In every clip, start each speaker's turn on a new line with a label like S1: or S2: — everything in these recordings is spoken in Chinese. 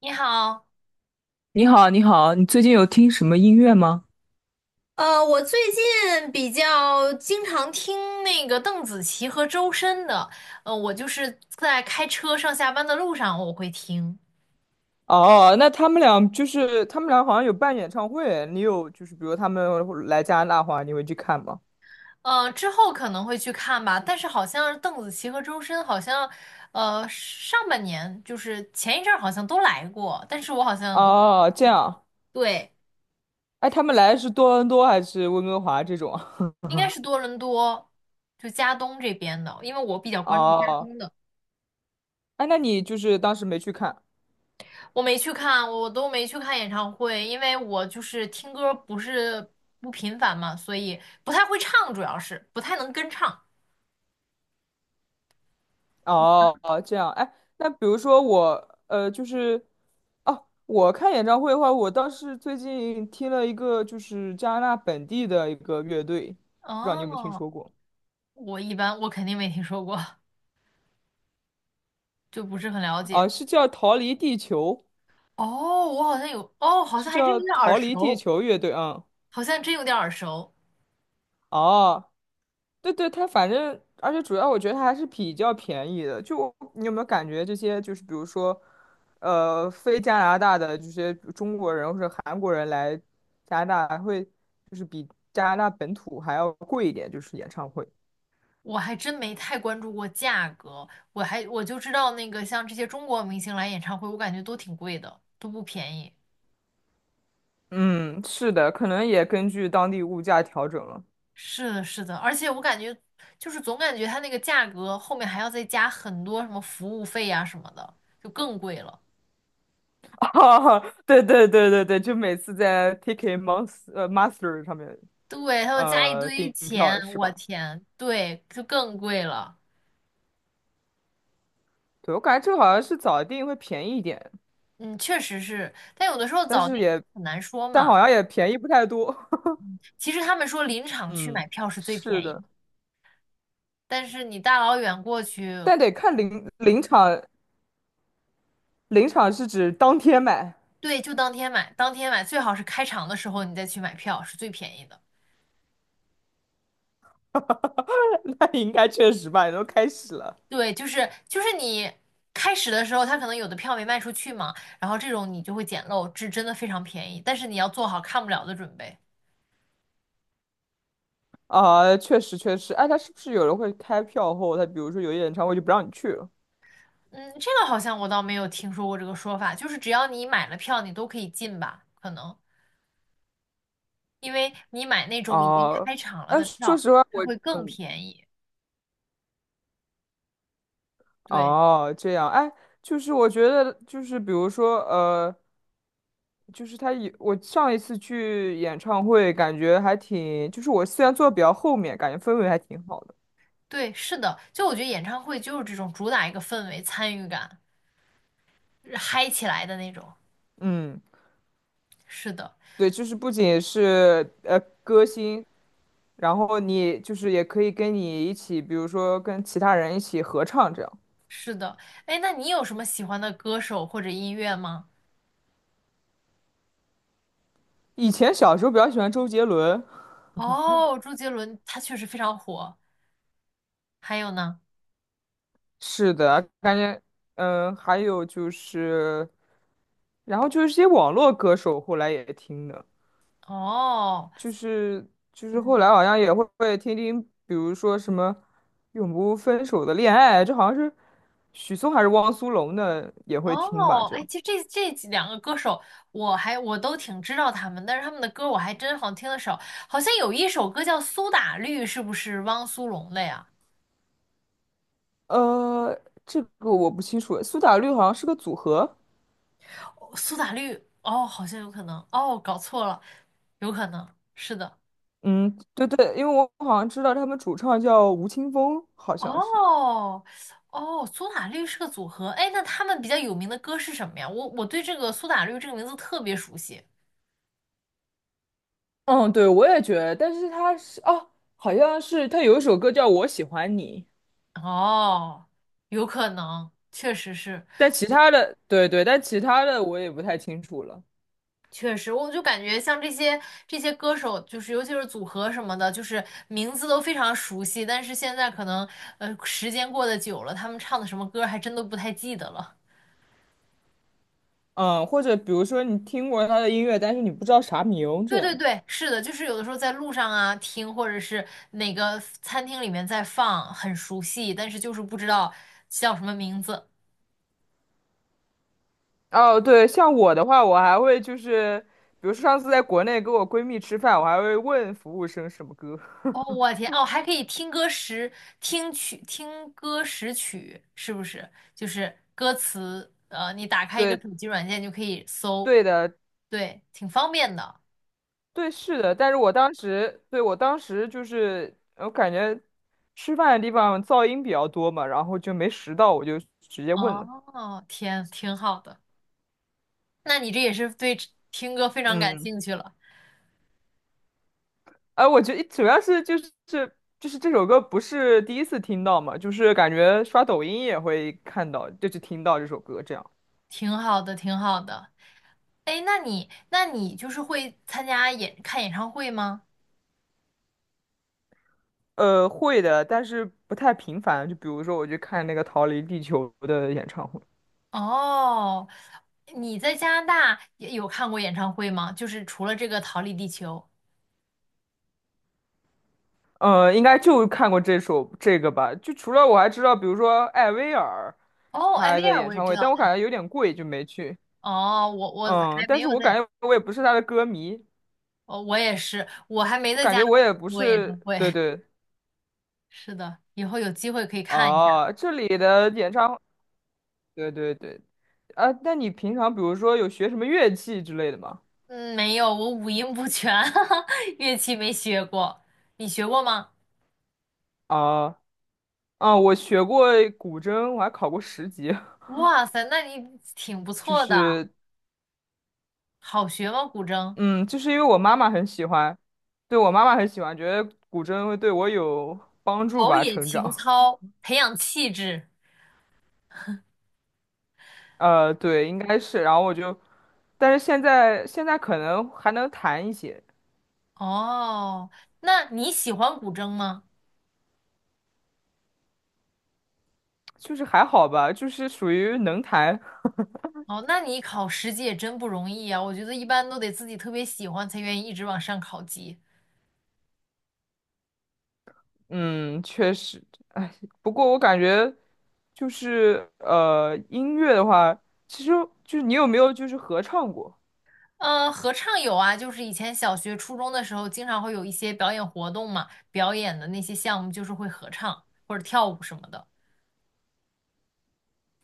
S1: 你好，
S2: 你好，你好，你最近有听什么音乐吗？
S1: 我最近比较经常听那个邓紫棋和周深的，我就是在开车上下班的路上我会听，
S2: 哦，那他们俩好像有办演唱会，你有就是比如他们来加拿大的话，你会去看吗？
S1: 之后可能会去看吧，但是好像邓紫棋和周深好像，上半年就是前一阵儿好像都来过，但是我好像
S2: 哦，这样，
S1: 对，
S2: 哎，他们来是多伦多还是温哥华这种啊？
S1: 应该是多伦多，就加东这边的，因为我比较 关注加
S2: 哦，
S1: 东的。
S2: 哎，那你就是当时没去看？
S1: 我没去看，我都没去看演唱会，因为我就是听歌不是不频繁嘛，所以不太会唱，主要是不太能跟唱。
S2: 哦，这样，哎，那比如说我，就是哦，我看演唱会的话，我倒是最近听了一个就是加拿大本地的一个乐队，不知道你有没有听
S1: 哦，
S2: 说过？
S1: 我一般我肯定没听说过，就不是很了解。
S2: 啊，是叫逃离地球，
S1: 哦，我好像有，哦，好
S2: 是
S1: 像还真有
S2: 叫
S1: 点耳
S2: 逃离地
S1: 熟，
S2: 球乐队啊。
S1: 好像真有点耳熟。
S2: 哦，对对，它反正，而且主要我觉得它还是比较便宜的。就我你有没有感觉这些，就是比如说，非加拿大的这些中国人或者韩国人来加拿大，还会就是比加拿大本土还要贵一点，就是演唱会。
S1: 我还真没太关注过价格，我就知道那个像这些中国明星来演唱会，我感觉都挺贵的，都不便宜。
S2: 嗯，是的，可能也根据当地物价调整了。
S1: 是的，是的，而且我感觉就是总感觉它那个价格后面还要再加很多什么服务费呀、什么的，就更贵了。
S2: 哈哈，对对对对对，就每次在 Ticket Monster Master 上面
S1: 对，它要加一堆
S2: 订
S1: 钱，
S2: 票是
S1: 我
S2: 吧？
S1: 天，对，就更贵了。
S2: 对，我感觉这个好像是早订会便宜一点，
S1: 嗯，确实是，但有的时候
S2: 但
S1: 早
S2: 是
S1: 订
S2: 也
S1: 很难说
S2: 但
S1: 嘛。
S2: 好像也便宜不太多。
S1: 其实他们说临场去买
S2: 嗯，
S1: 票是最
S2: 是
S1: 便宜的，
S2: 的，
S1: 但是你大老远过去，
S2: 但得看临场，临场是指当天买，
S1: 对，就当天买，当天买最好是开场的时候你再去买票是最便宜的。
S2: 那应该确实吧，也都开始了。
S1: 对，就是就是你开始的时候，他可能有的票没卖出去嘛，然后这种你就会捡漏，这真的非常便宜，但是你要做好看不了的准备。
S2: 啊，确实确实，哎，他是不是有人会开票后，他比如说有些演唱会就不让你去了？
S1: 嗯，这个好像我倒没有听说过这个说法，就是只要你买了票，你都可以进吧？可能因为你买那种已经
S2: 哦，
S1: 开场了
S2: 哎，
S1: 的
S2: 说
S1: 票，
S2: 实话，
S1: 它
S2: 我
S1: 会更
S2: 嗯。
S1: 便宜。对
S2: 哦，这样，哎，就是我觉得，就是比如说，就是他有，我上一次去演唱会，感觉还挺，就是我虽然坐得比较后面，感觉氛围还挺好的。
S1: 对，是的，就我觉得演唱会就是这种主打一个氛围、参与感，嗨起来的那种。
S2: 嗯，
S1: 是的，
S2: 对，就是不仅是歌星，然后你就是也可以跟你一起，比如说跟其他人一起合唱这样。
S1: 是的。哎，那你有什么喜欢的歌手或者音乐吗？
S2: 以前小时候比较喜欢周杰伦，
S1: 哦，周杰伦他确实非常火。还有呢？
S2: 是的，嗯，还有就是，然后就是一些网络歌手，后来也听的。
S1: 哦，
S2: 就是就是后
S1: 嗯，
S2: 来好像也会听听，比如说什么永不分手的恋爱，这好像是许嵩还是汪苏泷的也会听吧？
S1: 哦，
S2: 这
S1: 哎，
S2: 样，
S1: 其实这几两个歌手，我都挺知道他们，但是他们的歌我还真好像听的少。好像有一首歌叫《苏打绿》，是不是汪苏泷的呀？
S2: 呃，这个我不清楚，苏打绿好像是个组合，
S1: 哦苏打绿，哦，好像有可能，哦，搞错了，有可能是的。
S2: 嗯，对对，因为我好像知道他们主唱叫吴青峰，好像是，
S1: 哦，哦，苏打绿是个组合，哎，那他们比较有名的歌是什么呀？我对这个苏打绿这个名字特别熟悉。
S2: 嗯，对，我也觉得，但是他是哦，好像是他有一首歌叫《我喜欢你》，
S1: 哦，有可能，确实是，
S2: 但其他的，对对，但其他的我也不太清楚了。
S1: 确实，我就感觉像这些歌手，就是尤其是组合什么的，就是名字都非常熟悉，但是现在可能时间过得久了，他们唱的什么歌还真都不太记得了。
S2: 嗯，或者比如说你听过他的音乐，但是你不知道啥名，这
S1: 对对
S2: 样。
S1: 对，是的，就是有的时候在路上啊听，或者是哪个餐厅里面在放，很熟悉，但是就是不知道叫什么名字。
S2: 哦，对，像我的话，我还会就是，比如说上次在国内跟我闺蜜吃饭，我还会问服务生什么歌。
S1: 哦，我天，哦，还可以听歌识，听曲，听歌识曲，是不是？就是歌词，你打开一个
S2: 对，
S1: 手机软件就可以搜，
S2: 对的，
S1: 对，挺方便的。
S2: 对，是的。但是我当时，对，我当时就是，我感觉吃饭的地方噪音比较多嘛，然后就没拾到，我就直接问了。
S1: 哦，天，挺好的。那你这也是对听歌非常感
S2: 嗯。
S1: 兴趣了，
S2: 哎，我觉得主要是就是就是这首歌不是第一次听到嘛，就是感觉刷抖音也会看到，就是听到这首歌这样。
S1: 挺好的，挺好的。哎，那你，那你就是会参加演，看演唱会吗？
S2: 会的，但是不太频繁。就比如说，我去看那个《逃离地球》的演唱会，
S1: 哦，你在加拿大也有看过演唱会吗？就是除了这个《逃离地球》。
S2: 呃，应该就看过这首这个吧。就除了我还知道，比如说艾薇儿
S1: 哦，艾
S2: 他
S1: 薇
S2: 的
S1: 儿
S2: 演
S1: 我也
S2: 唱
S1: 知
S2: 会，
S1: 道。
S2: 但我感觉有点贵，就没去。
S1: 哦，我
S2: 嗯，
S1: 还没
S2: 但是
S1: 有
S2: 我感
S1: 在，
S2: 觉我也不是他的歌迷，
S1: 哦，我也是，我还没
S2: 我
S1: 在
S2: 感
S1: 加
S2: 觉
S1: 拿
S2: 我
S1: 大看
S2: 也不
S1: 过演唱
S2: 是，
S1: 会。
S2: 对 对。
S1: 是的，以后有机会可以看一下。
S2: 哦，这里的演唱，对对对，啊，那你平常比如说有学什么乐器之类的吗？
S1: 嗯，没有，我五音不全，乐器没学过。你学过吗？
S2: 啊我学过古筝，我还考过十级，
S1: 哇塞，那你挺不
S2: 就
S1: 错的。
S2: 是
S1: 好学吗？古筝，
S2: 嗯，就是因为我妈妈很喜欢，对我妈妈很喜欢，觉得古筝会对我有帮助
S1: 陶
S2: 吧，
S1: 冶
S2: 成
S1: 情
S2: 长。
S1: 操，培养气质。
S2: 呃，对，应该是，然后我就，但是现在可能还能弹一些，
S1: 哦，那你喜欢古筝吗？
S2: 就是还好吧，就是属于能弹。
S1: 哦，那你考10级也真不容易啊！我觉得一般都得自己特别喜欢才愿意一直往上考级。
S2: 嗯，确实，哎，不过我感觉就是音乐的话，其实就是你有没有就是合唱过？
S1: 嗯，合唱有啊，就是以前小学、初中的时候，经常会有一些表演活动嘛，表演的那些项目就是会合唱或者跳舞什么的。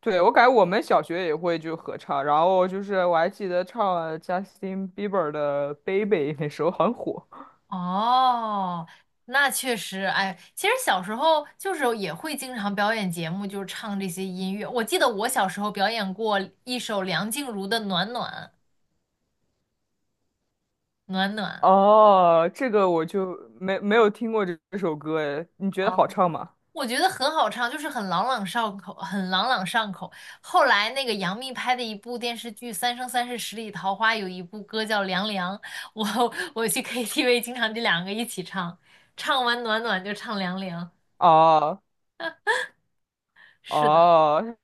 S2: 对，我感觉我们小学也会就合唱，然后就是我还记得唱了 Justin Bieber 的《Baby》，那时候很火。
S1: 哦，那确实，哎，其实小时候就是也会经常表演节目，就是唱这些音乐。我记得我小时候表演过一首梁静茹的《暖暖暖暖》。
S2: 哦，这个我就没有听过这首歌，哎，你觉
S1: 啊。
S2: 得好唱吗？
S1: 我觉得很好唱，就是很朗朗上口，很朗朗上口。后来那个杨幂拍的一部电视剧《三生三世十里桃花》，有一部歌叫《凉凉》，我我去 KTV 经常这两个一起唱，唱完暖暖就唱凉凉。
S2: 哦
S1: 是的，
S2: 哦，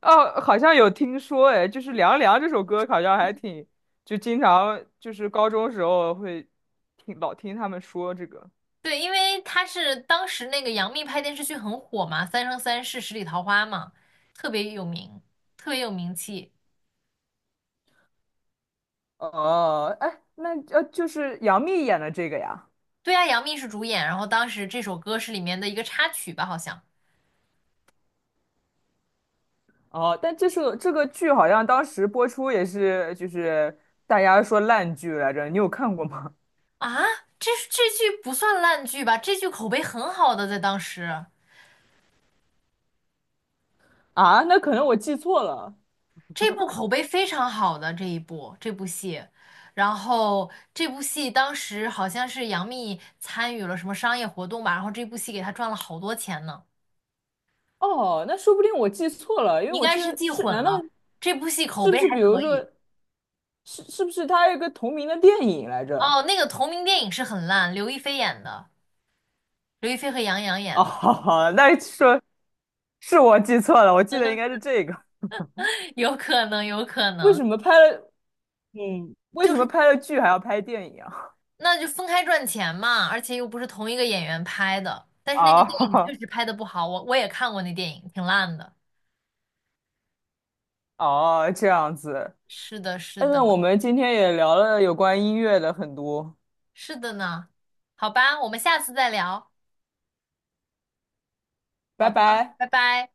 S2: 哦，好像有听说，哎，就是《凉凉》这首歌，好像还挺，就经常就是高中时候会听老听他们说这个。
S1: 对，因为他是当时那个杨幂拍电视剧很火嘛，《三生三世十里桃花》嘛，特别有名，特别有名气。
S2: 哦，哎，那就是杨幂演的这个呀。
S1: 对啊，杨幂是主演，然后当时这首歌是里面的一个插曲吧，好像。
S2: 哦，但这是这个剧好像当时播出也是，就是大家说烂剧来着，你有看过吗？
S1: 啊，这剧不算烂剧吧？这剧口碑很好的，在当时，
S2: 啊，那可能我记错了。
S1: 这部口碑非常好的这部戏，然后这部戏当时好像是杨幂参与了什么商业活动吧，然后这部戏给她赚了好多钱呢。
S2: 哦，那说不定我记错了，因为
S1: 你应
S2: 我
S1: 该
S2: 记
S1: 是
S2: 得
S1: 记
S2: 是，
S1: 混
S2: 难道
S1: 了，这部戏口
S2: 是
S1: 碑
S2: 不是
S1: 还
S2: 比如
S1: 可以。
S2: 说，是不是它有一个同名的电影来着？
S1: 哦，那个同名电影是很烂，刘亦菲演的，刘亦菲和杨洋演的，
S2: 哦，那说是我记错了，我记得应该是这个。
S1: 有可能，有可
S2: 为
S1: 能。
S2: 什么拍了 嗯，为
S1: 就
S2: 什么
S1: 是。
S2: 拍了剧还要拍电影啊？
S1: 那就分开赚钱嘛，而且又不是同一个演员拍的。但是那个电影确
S2: 哦
S1: 实拍的不好，我也看过那电影，挺烂的。
S2: 哦，这样子。
S1: 是的，是
S2: 哎
S1: 的，
S2: 那我们今天也聊了有关音乐的很多，
S1: 是的呢。好吧，我们下次再聊。好
S2: 拜
S1: 的，
S2: 拜。
S1: 拜拜。